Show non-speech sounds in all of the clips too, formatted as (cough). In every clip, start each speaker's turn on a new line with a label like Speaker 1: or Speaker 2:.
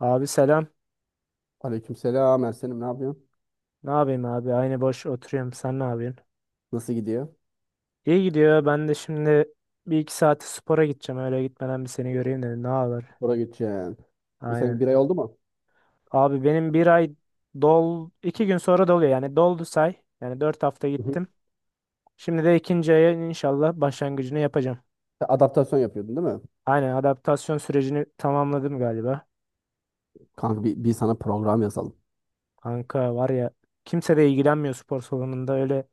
Speaker 1: Abi, selam.
Speaker 2: Aleykümselam Ersen'im ne yapıyorsun?
Speaker 1: Ne yapayım abi? Aynı boş oturuyorum. Sen ne yapıyorsun?
Speaker 2: Nasıl gidiyor?
Speaker 1: İyi gidiyor. Ben de şimdi bir iki saate spora gideceğim. Öyle gitmeden bir seni göreyim dedim. Ne haber?
Speaker 2: Spora gideceksin. E sen
Speaker 1: Aynen.
Speaker 2: bir ay oldu mu?
Speaker 1: Abi benim bir ay 2 gün sonra doluyor. Yani doldu say. Yani 4 hafta
Speaker 2: Hı hı.
Speaker 1: gittim. Şimdi de ikinci aya inşallah başlangıcını yapacağım.
Speaker 2: Sen adaptasyon yapıyordun değil mi?
Speaker 1: Aynen, adaptasyon sürecini tamamladım galiba.
Speaker 2: Kanka bir sana program yazalım.
Speaker 1: Kanka var ya, kimse de ilgilenmiyor spor salonunda öyle.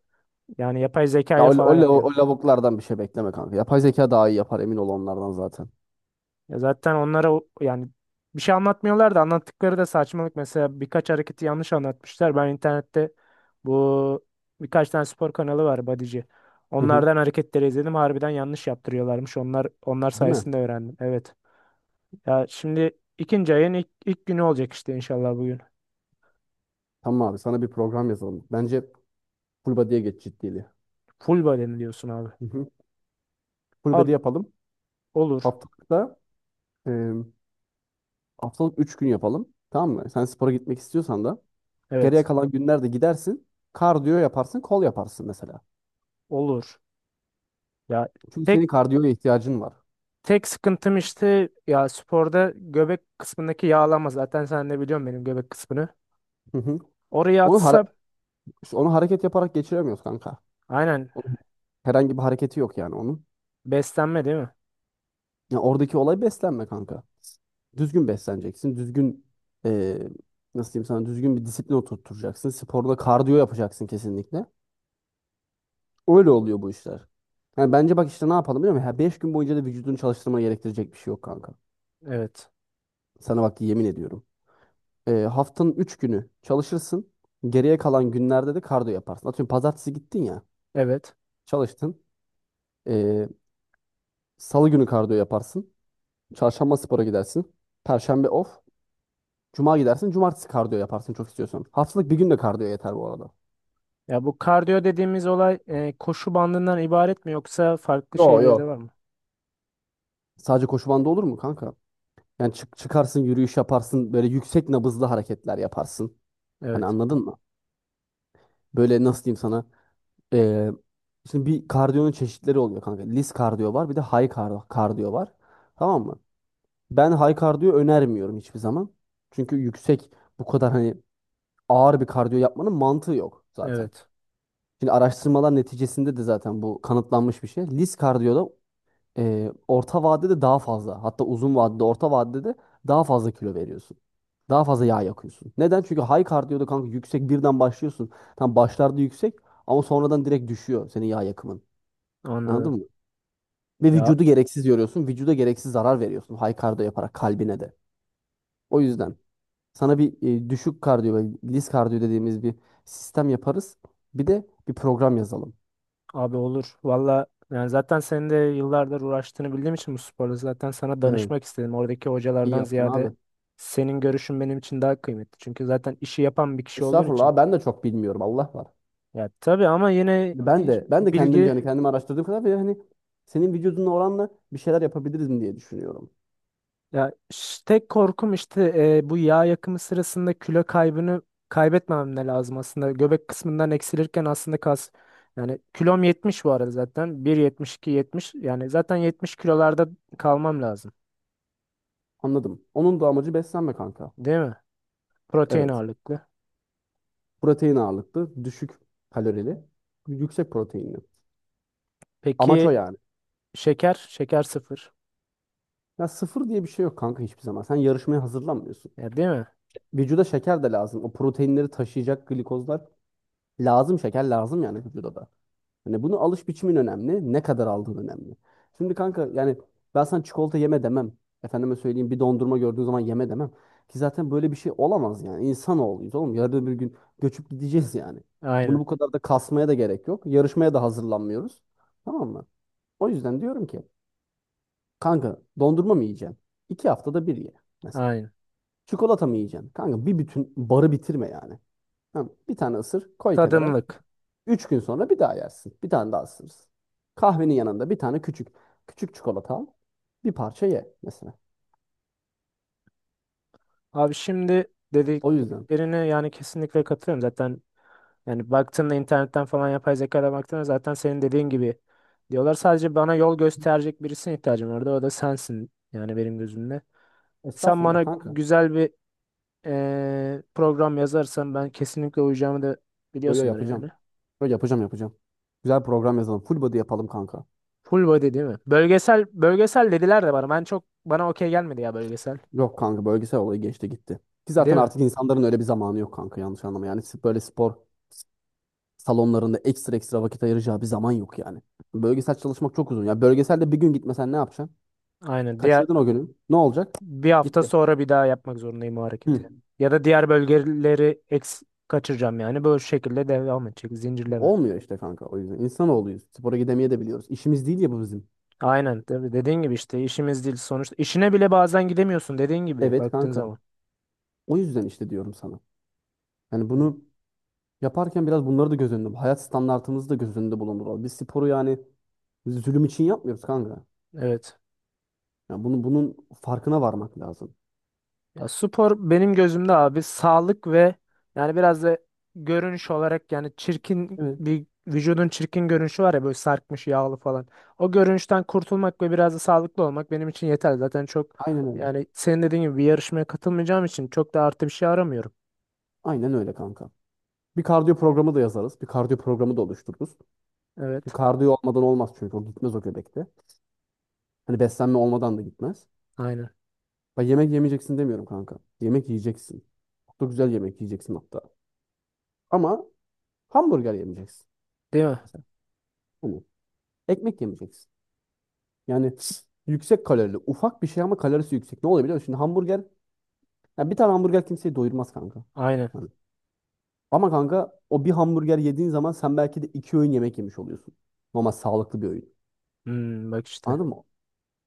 Speaker 1: Yani yapay zeka
Speaker 2: Ya
Speaker 1: ile
Speaker 2: o, o,
Speaker 1: falan
Speaker 2: o,
Speaker 1: yapıyor.
Speaker 2: o lavuklardan bir şey bekleme kanka. Yapay zeka daha iyi yapar emin ol onlardan zaten.
Speaker 1: Ya zaten onlara yani bir şey anlatmıyorlar da anlattıkları da saçmalık. Mesela birkaç hareketi yanlış anlatmışlar. Ben internette bu birkaç tane spor kanalı var Badici.
Speaker 2: Hı hı.
Speaker 1: Onlardan hareketleri izledim. Harbiden yanlış yaptırıyorlarmış. Onlar
Speaker 2: Değil mi?
Speaker 1: sayesinde öğrendim. Evet. Ya şimdi ikinci ayın ilk günü olacak işte inşallah bugün.
Speaker 2: Tamam abi sana bir program yazalım. Bence full body'ye geç ciddiliği.
Speaker 1: Full body diyorsun abi?
Speaker 2: Hı hı. Full
Speaker 1: Abi,
Speaker 2: body yapalım.
Speaker 1: olur.
Speaker 2: Haftalıkta e, haftalık 3 gün yapalım. Tamam mı? Sen spora gitmek istiyorsan da geriye
Speaker 1: Evet.
Speaker 2: kalan günlerde gidersin. Kardiyo yaparsın, kol yaparsın mesela.
Speaker 1: Olur. Ya
Speaker 2: Çünkü
Speaker 1: tek
Speaker 2: senin kardiyoya ihtiyacın var.
Speaker 1: tek sıkıntım işte, ya sporda göbek kısmındaki yağlama. Zaten sen de biliyorsun benim göbek kısmını.
Speaker 2: Hı hı.
Speaker 1: Oraya
Speaker 2: Onu
Speaker 1: atsa,
Speaker 2: hara- onu hareket yaparak geçiremiyoruz kanka.
Speaker 1: aynen,
Speaker 2: Onun herhangi bir hareketi yok yani onun.
Speaker 1: beslenme değil mi?
Speaker 2: Ya oradaki olay beslenme kanka. Düzgün besleneceksin. Düzgün e, nasıl diyeyim sana düzgün bir disiplin oturtacaksın. Sporda kardiyo yapacaksın kesinlikle. Öyle oluyor bu işler. Yani bence bak işte ne yapalım biliyor musun? 5 gün boyunca da vücudunu çalıştırmana gerektirecek bir şey yok kanka.
Speaker 1: Evet.
Speaker 2: Sana bak yemin ediyorum. Haftanın 3 günü çalışırsın. Geriye kalan günlerde de kardiyo yaparsın. Atıyorum pazartesi gittin ya
Speaker 1: Evet.
Speaker 2: çalıştın. Salı günü kardiyo yaparsın. Çarşamba spora gidersin. Perşembe off. Cuma gidersin. Cumartesi kardiyo yaparsın çok istiyorsan. Haftalık bir gün de kardiyo yeter bu arada.
Speaker 1: Ya bu kardiyo dediğimiz olay koşu bandından ibaret mi, yoksa farklı
Speaker 2: Yo
Speaker 1: şeyleri de
Speaker 2: yo.
Speaker 1: var mı?
Speaker 2: Sadece koşu bandı olur mu kanka? Yani çık çıkarsın yürüyüş yaparsın. Böyle yüksek nabızlı hareketler yaparsın. Hani
Speaker 1: Evet.
Speaker 2: anladın mı? Böyle nasıl diyeyim sana? Ee, Şimdi bir kardiyonun çeşitleri oluyor kanka. Lis kardiyo var bir de kardiyo var. Tamam mı? Ben high kardiyo önermiyorum hiçbir zaman. Çünkü yüksek bu kadar hani ağır bir kardiyo yapmanın mantığı yok zaten.
Speaker 1: Evet.
Speaker 2: Şimdi araştırmalar neticesinde de zaten bu kanıtlanmış bir şey. Lis kardiyoda orta vadede daha fazla hatta uzun vadede orta vadede daha fazla kilo veriyorsun. Daha fazla
Speaker 1: Hı.
Speaker 2: yağ yakıyorsun. Neden? Çünkü high kardiyoda kanka yüksek birden başlıyorsun. Tam başlarda yüksek ama sonradan direkt düşüyor senin yağ yakımın. Anladın
Speaker 1: Anladım.
Speaker 2: mı? Ve
Speaker 1: Ya
Speaker 2: vücudu gereksiz yoruyorsun. Vücuda gereksiz zarar veriyorsun high kardiyo yaparak kalbine de. O yüzden sana bir düşük kardiyo ve lis kardiyo dediğimiz bir sistem yaparız. Bir de bir program yazalım.
Speaker 1: abi, olur. Valla yani zaten senin de yıllardır uğraştığını bildiğim için bu sporla zaten sana
Speaker 2: Evet.
Speaker 1: danışmak istedim. Oradaki
Speaker 2: İyi
Speaker 1: hocalardan
Speaker 2: yaptın
Speaker 1: ziyade
Speaker 2: abi.
Speaker 1: senin görüşün benim için daha kıymetli. Çünkü zaten işi yapan bir kişi olduğun için.
Speaker 2: Estağfurullah ben de çok bilmiyorum Allah var.
Speaker 1: Ya tabii, ama yine
Speaker 2: Ben de ben de kendimce
Speaker 1: bilgi.
Speaker 2: hani kendimi araştırdığım kadar ve hani senin vücuduna oranla bir şeyler yapabiliriz diye düşünüyorum.
Speaker 1: Ya tek korkum işte, bu yağ yakımı sırasında kilo kaybını kaybetmemem de lazım aslında. Göbek kısmından eksilirken aslında kas, yani kilom 70 bu arada zaten. 1,72, 70, yani zaten 70 kilolarda kalmam lazım.
Speaker 2: Anladım. Onun da amacı beslenme kanka.
Speaker 1: Değil mi? Protein
Speaker 2: Evet.
Speaker 1: ağırlıklı.
Speaker 2: Protein ağırlıklı, düşük kalorili, yüksek proteinli. Amaç o
Speaker 1: Peki
Speaker 2: yani.
Speaker 1: şeker? Şeker sıfır.
Speaker 2: Ya sıfır diye bir şey yok kanka hiçbir zaman. Sen yarışmaya hazırlanmıyorsun.
Speaker 1: Ya, değil mi?
Speaker 2: Vücuda şeker de lazım. O proteinleri taşıyacak glikozlar lazım. Şeker lazım yani vücuda da. Hani bunu alış biçimin önemli. Ne kadar aldığın önemli. Şimdi kanka yani ben sana çikolata yeme demem. Efendime söyleyeyim bir dondurma gördüğün zaman yeme demem. Ki zaten böyle bir şey olamaz yani. İnsanoğluyuz oğlum. Yarın bir gün göçüp gideceğiz yani. Bunu
Speaker 1: Aynen.
Speaker 2: bu kadar da kasmaya da gerek yok. Yarışmaya da hazırlanmıyoruz. Tamam mı? O yüzden diyorum ki kanka dondurma mı yiyeceksin? 2 haftada bir ye mesela.
Speaker 1: Aynen.
Speaker 2: Çikolata mı yiyeceksin? Kanka bir bütün barı bitirme yani. Tamam, bir tane ısır koy kenara.
Speaker 1: Tadımlık.
Speaker 2: 3 gün sonra bir daha yersin. Bir tane daha ısırırsın. Kahvenin yanında bir tane küçük küçük çikolata al. Bir parça ye mesela.
Speaker 1: Abi şimdi
Speaker 2: O yüzden.
Speaker 1: dediklerine yani kesinlikle katılıyorum. Zaten. Yani baktığında internetten falan, yapay zekaya baktığında zaten senin dediğin gibi diyorlar. Sadece bana yol gösterecek birisine ihtiyacım vardı. O da sensin yani benim gözümde. Sen
Speaker 2: Estağfurullah
Speaker 1: bana
Speaker 2: kanka.
Speaker 1: güzel bir program yazarsan ben kesinlikle uyacağımı da
Speaker 2: Yo yo
Speaker 1: biliyorsundur
Speaker 2: yapacağım.
Speaker 1: yani.
Speaker 2: Yo yapacağım yapacağım. Güzel program yazalım. Full body yapalım kanka.
Speaker 1: Full body değil mi? Bölgesel bölgesel dediler de bana. Ben çok, bana okey gelmedi ya bölgesel.
Speaker 2: Yok kanka bölgesel olayı geçti gitti. Ki
Speaker 1: Değil
Speaker 2: zaten
Speaker 1: mi?
Speaker 2: artık insanların öyle bir zamanı yok kanka yanlış anlama. Yani böyle spor salonlarında ekstra ekstra vakit ayıracağı bir zaman yok yani. Bölgesel çalışmak çok uzun. Ya bölgeselde bir gün gitmesen ne yapacaksın?
Speaker 1: Aynen. Diğer
Speaker 2: Kaçırdın o günü. Ne olacak?
Speaker 1: bir hafta
Speaker 2: Gitti.
Speaker 1: sonra bir daha yapmak zorundayım o
Speaker 2: Hı.
Speaker 1: hareketi. Ya da diğer bölgeleri kaçıracağım yani. Böyle şekilde devam edecek. Zincirleme.
Speaker 2: Olmuyor işte kanka o yüzden. İnsanoğluyuz. Spora gidemeye de biliyoruz. İşimiz değil ya bu bizim.
Speaker 1: Aynen, tabii dediğin gibi işte, işimiz değil sonuçta. İşine bile bazen gidemiyorsun dediğin gibi
Speaker 2: Evet
Speaker 1: baktığın
Speaker 2: kanka.
Speaker 1: zaman.
Speaker 2: O yüzden işte diyorum sana. Yani
Speaker 1: Hı.
Speaker 2: bunu yaparken biraz bunları da göz önünde. Hayat standartımızı da göz önünde bulunduralım. Biz sporu yani zulüm için yapmıyoruz kanka.
Speaker 1: Evet.
Speaker 2: Yani bunu, bunun farkına varmak lazım.
Speaker 1: Ya spor benim gözümde abi, sağlık ve yani biraz da görünüş olarak. Yani çirkin
Speaker 2: Evet.
Speaker 1: bir vücudun çirkin görünüşü var ya, böyle sarkmış, yağlı falan. O görünüşten kurtulmak ve biraz da sağlıklı olmak benim için yeter. Zaten çok,
Speaker 2: Aynen öyle.
Speaker 1: yani senin dediğin gibi bir yarışmaya katılmayacağım için çok da artı bir şey aramıyorum.
Speaker 2: Aynen öyle kanka. Bir kardiyo programı da yazarız. Bir kardiyo programı da oluştururuz. Bir
Speaker 1: Evet.
Speaker 2: kardiyo olmadan olmaz çünkü o gitmez o göbekte. Hani beslenme olmadan da gitmez.
Speaker 1: Aynen.
Speaker 2: Bak yemek yemeyeceksin demiyorum kanka. Yemek yiyeceksin. Çok da güzel yemek yiyeceksin hatta. Ama hamburger yemeyeceksin.
Speaker 1: Değil mi?
Speaker 2: Mesela. Hani ekmek yemeyeceksin. Yani yüksek kalorili. Ufak bir şey ama kalorisi yüksek. Ne oluyor biliyor musun? Şimdi hamburger. Ya bir tane hamburger kimseyi doyurmaz kanka.
Speaker 1: Aynen.
Speaker 2: Hani. Ama kanka o bir hamburger yediğin zaman sen belki de 2 öğün yemek yemiş oluyorsun. Ama sağlıklı bir öğün.
Speaker 1: Hmm, bak işte.
Speaker 2: Anladın mı?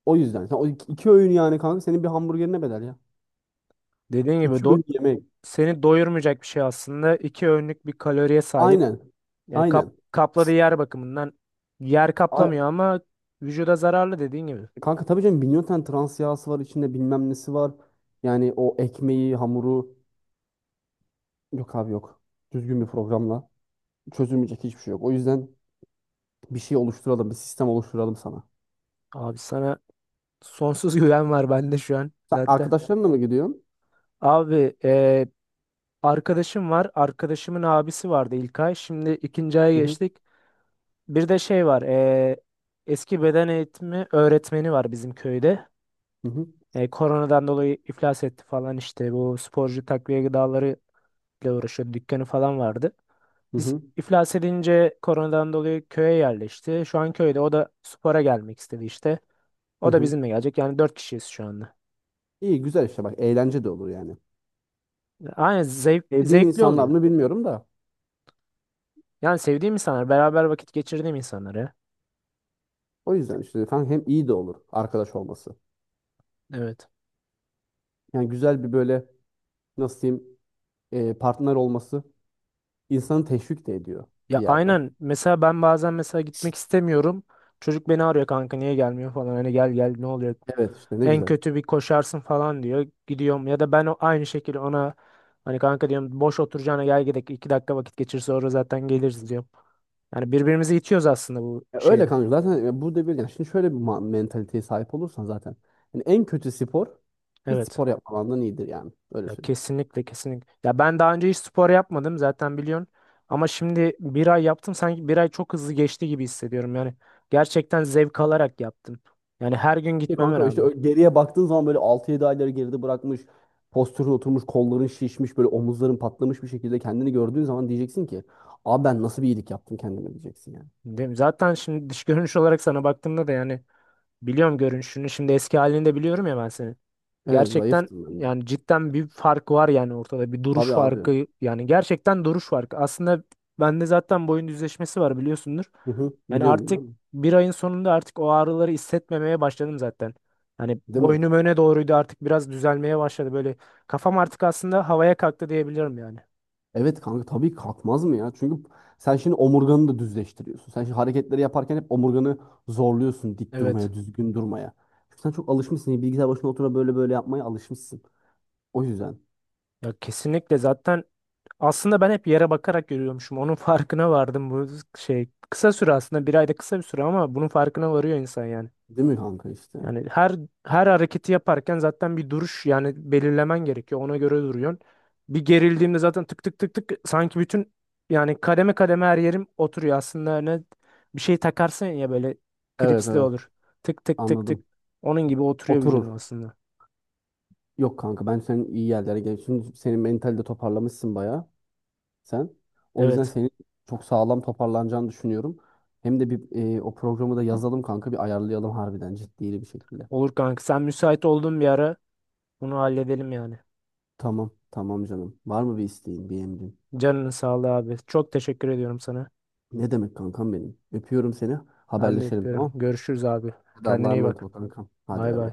Speaker 2: O yüzden. Sen o iki öğün yani kanka senin bir hamburgerine bedel ya.
Speaker 1: Dediğin gibi
Speaker 2: İki öğün yemek.
Speaker 1: seni doyurmayacak bir şey aslında. İki öğünlük bir kaloriye sahip.
Speaker 2: Aynen.
Speaker 1: Yani
Speaker 2: Aynen.
Speaker 1: kapladığı yer bakımından yer
Speaker 2: Ay-
Speaker 1: kaplamıyor ama vücuda zararlı dediğin gibi.
Speaker 2: Kanka tabii canım milyon tane trans yağısı var içinde bilmem nesi var. Yani o ekmeği, hamuru. Yok abi yok. Düzgün bir programla çözülmeyecek hiçbir şey yok. O yüzden bir şey oluşturalım, bir sistem oluşturalım sana.
Speaker 1: Abi sana sonsuz (laughs) güven var bende şu an
Speaker 2: Sen
Speaker 1: zaten.
Speaker 2: arkadaşlarınla mı gidiyorsun?
Speaker 1: Abi, arkadaşım var. Arkadaşımın abisi vardı ilk ay. Şimdi ikinci aya
Speaker 2: Hı hı,
Speaker 1: geçtik. Bir de şey var. Eski beden eğitimi öğretmeni var bizim köyde.
Speaker 2: hı hı,
Speaker 1: E, koronadan dolayı iflas etti falan işte. Bu sporcu takviye gıdaları ile uğraşıyordu. Dükkanı falan vardı.
Speaker 2: hı
Speaker 1: Biz
Speaker 2: hı,
Speaker 1: iflas edince koronadan dolayı köye yerleşti. Şu an köyde. O da spora gelmek istedi işte.
Speaker 2: hı
Speaker 1: O da
Speaker 2: hı.
Speaker 1: bizimle gelecek. Yani 4 kişiyiz şu anda.
Speaker 2: İyi güzel işte bak eğlence de olur yani.
Speaker 1: Aynen,
Speaker 2: Sevdiğin
Speaker 1: zevkli
Speaker 2: insanlar
Speaker 1: oluyor.
Speaker 2: mı bilmiyorum da.
Speaker 1: Yani sevdiğim insanlar, beraber vakit geçirdiğim insanlar ya.
Speaker 2: O yüzden işte efendim hem iyi de olur arkadaş olması.
Speaker 1: Evet.
Speaker 2: Yani güzel bir böyle nasıl diyeyim partner olması insanı teşvik de ediyor
Speaker 1: Ya
Speaker 2: bir yerde.
Speaker 1: aynen. Mesela ben bazen mesela gitmek istemiyorum. Çocuk beni arıyor, kanka niye gelmiyor falan. Hani gel gel, ne oluyor,
Speaker 2: Evet işte ne
Speaker 1: en
Speaker 2: güzel.
Speaker 1: kötü bir koşarsın falan diyor. Gidiyorum, ya da ben aynı şekilde ona hani kanka diyorum, boş oturacağına gel gidelim, 2 dakika vakit geçir, sonra zaten geliriz diyorum. Yani birbirimizi itiyoruz aslında bu
Speaker 2: Ya öyle
Speaker 1: şeyde.
Speaker 2: kanka zaten ya burada bir yani şimdi şöyle bir mentaliteye sahip olursan zaten yani en kötü spor hiç
Speaker 1: Evet.
Speaker 2: spor yapmamandan iyidir yani öyle
Speaker 1: Ya
Speaker 2: söyleyeyim.
Speaker 1: kesinlikle, kesinlikle. Ya ben daha önce hiç spor yapmadım zaten, biliyorsun. Ama şimdi bir ay yaptım, sanki bir ay çok hızlı geçti gibi hissediyorum yani. Gerçekten zevk alarak yaptım. Yani her gün
Speaker 2: Ya
Speaker 1: gitmeme
Speaker 2: kanka işte
Speaker 1: rağmen.
Speaker 2: geriye baktığın zaman böyle 6-7 ayları geride bırakmış, postürün oturmuş, kolların şişmiş, böyle omuzların patlamış bir şekilde kendini gördüğün zaman diyeceksin ki abi ben nasıl bir iyilik yaptım kendime diyeceksin yani.
Speaker 1: Değil mi? Zaten şimdi dış görünüş olarak sana baktığımda da, yani biliyorum görünüşünü. Şimdi eski halini de biliyorum ya ben seni.
Speaker 2: Evet
Speaker 1: Gerçekten
Speaker 2: zayıftım ben.
Speaker 1: yani cidden bir fark var yani, ortada bir duruş
Speaker 2: Tabii abi.
Speaker 1: farkı yani, gerçekten duruş farkı. Aslında bende zaten boyun düzleşmesi var, biliyorsundur.
Speaker 2: Hı hı.
Speaker 1: Yani
Speaker 2: Biliyorum
Speaker 1: artık
Speaker 2: bilmem.
Speaker 1: bir ayın sonunda artık o ağrıları hissetmemeye başladım zaten. Hani
Speaker 2: Değil mi?
Speaker 1: boynum öne doğruydu, artık biraz düzelmeye başladı böyle. Kafam artık aslında havaya kalktı diyebilirim yani.
Speaker 2: Evet kanka tabii kalkmaz mı ya? Çünkü sen şimdi omurganı da düzleştiriyorsun. Sen şimdi hareketleri yaparken hep omurganı zorluyorsun dik
Speaker 1: Evet.
Speaker 2: durmaya, düzgün durmaya. Çünkü sen çok alışmışsın. Bilgisayar başına oturup böyle böyle yapmaya alışmışsın. O yüzden.
Speaker 1: Ya kesinlikle, zaten aslında ben hep yere bakarak yürüyormuşum. Onun (laughs) farkına vardım bu şey kısa süre, aslında bir ayda kısa bir süre, ama bunun farkına varıyor insan yani.
Speaker 2: Değil mi kanka işte?
Speaker 1: Yani her hareketi yaparken zaten bir duruş yani belirlemen gerekiyor. Ona göre duruyorsun. Bir gerildiğimde zaten tık tık tık tık, sanki bütün, yani kademe kademe her yerim oturuyor. Aslında ne, bir şey takarsın ya böyle,
Speaker 2: Evet
Speaker 1: klipsli
Speaker 2: evet
Speaker 1: olur. Tık tık tık tık.
Speaker 2: anladım.
Speaker 1: Onun gibi oturuyor vücudum
Speaker 2: Oturur.
Speaker 1: aslında.
Speaker 2: Yok kanka ben senin iyi yerlere gelmişsin. Senin mentali de toparlamışsın bayağı sen. O yüzden
Speaker 1: Evet.
Speaker 2: senin çok sağlam toparlanacağını düşünüyorum. Hem de bir o programı da yazalım kanka bir ayarlayalım harbiden ciddi bir şekilde.
Speaker 1: Olur kanka. Sen müsait olduğun bir ara bunu halledelim yani.
Speaker 2: Tamam, tamam canım. Var mı bir isteğin, bir emrin?
Speaker 1: Canının sağlığı abi. Çok teşekkür ediyorum sana.
Speaker 2: Ne demek kankam benim? Öpüyorum seni.
Speaker 1: Ben de
Speaker 2: Haberleşelim tamam
Speaker 1: öpüyorum.
Speaker 2: mı?
Speaker 1: Görüşürüz abi.
Speaker 2: Hadi Allah'a
Speaker 1: Kendine iyi
Speaker 2: emanet
Speaker 1: bak.
Speaker 2: ol kankam. Hadi
Speaker 1: Bay
Speaker 2: bay
Speaker 1: bay.
Speaker 2: bay.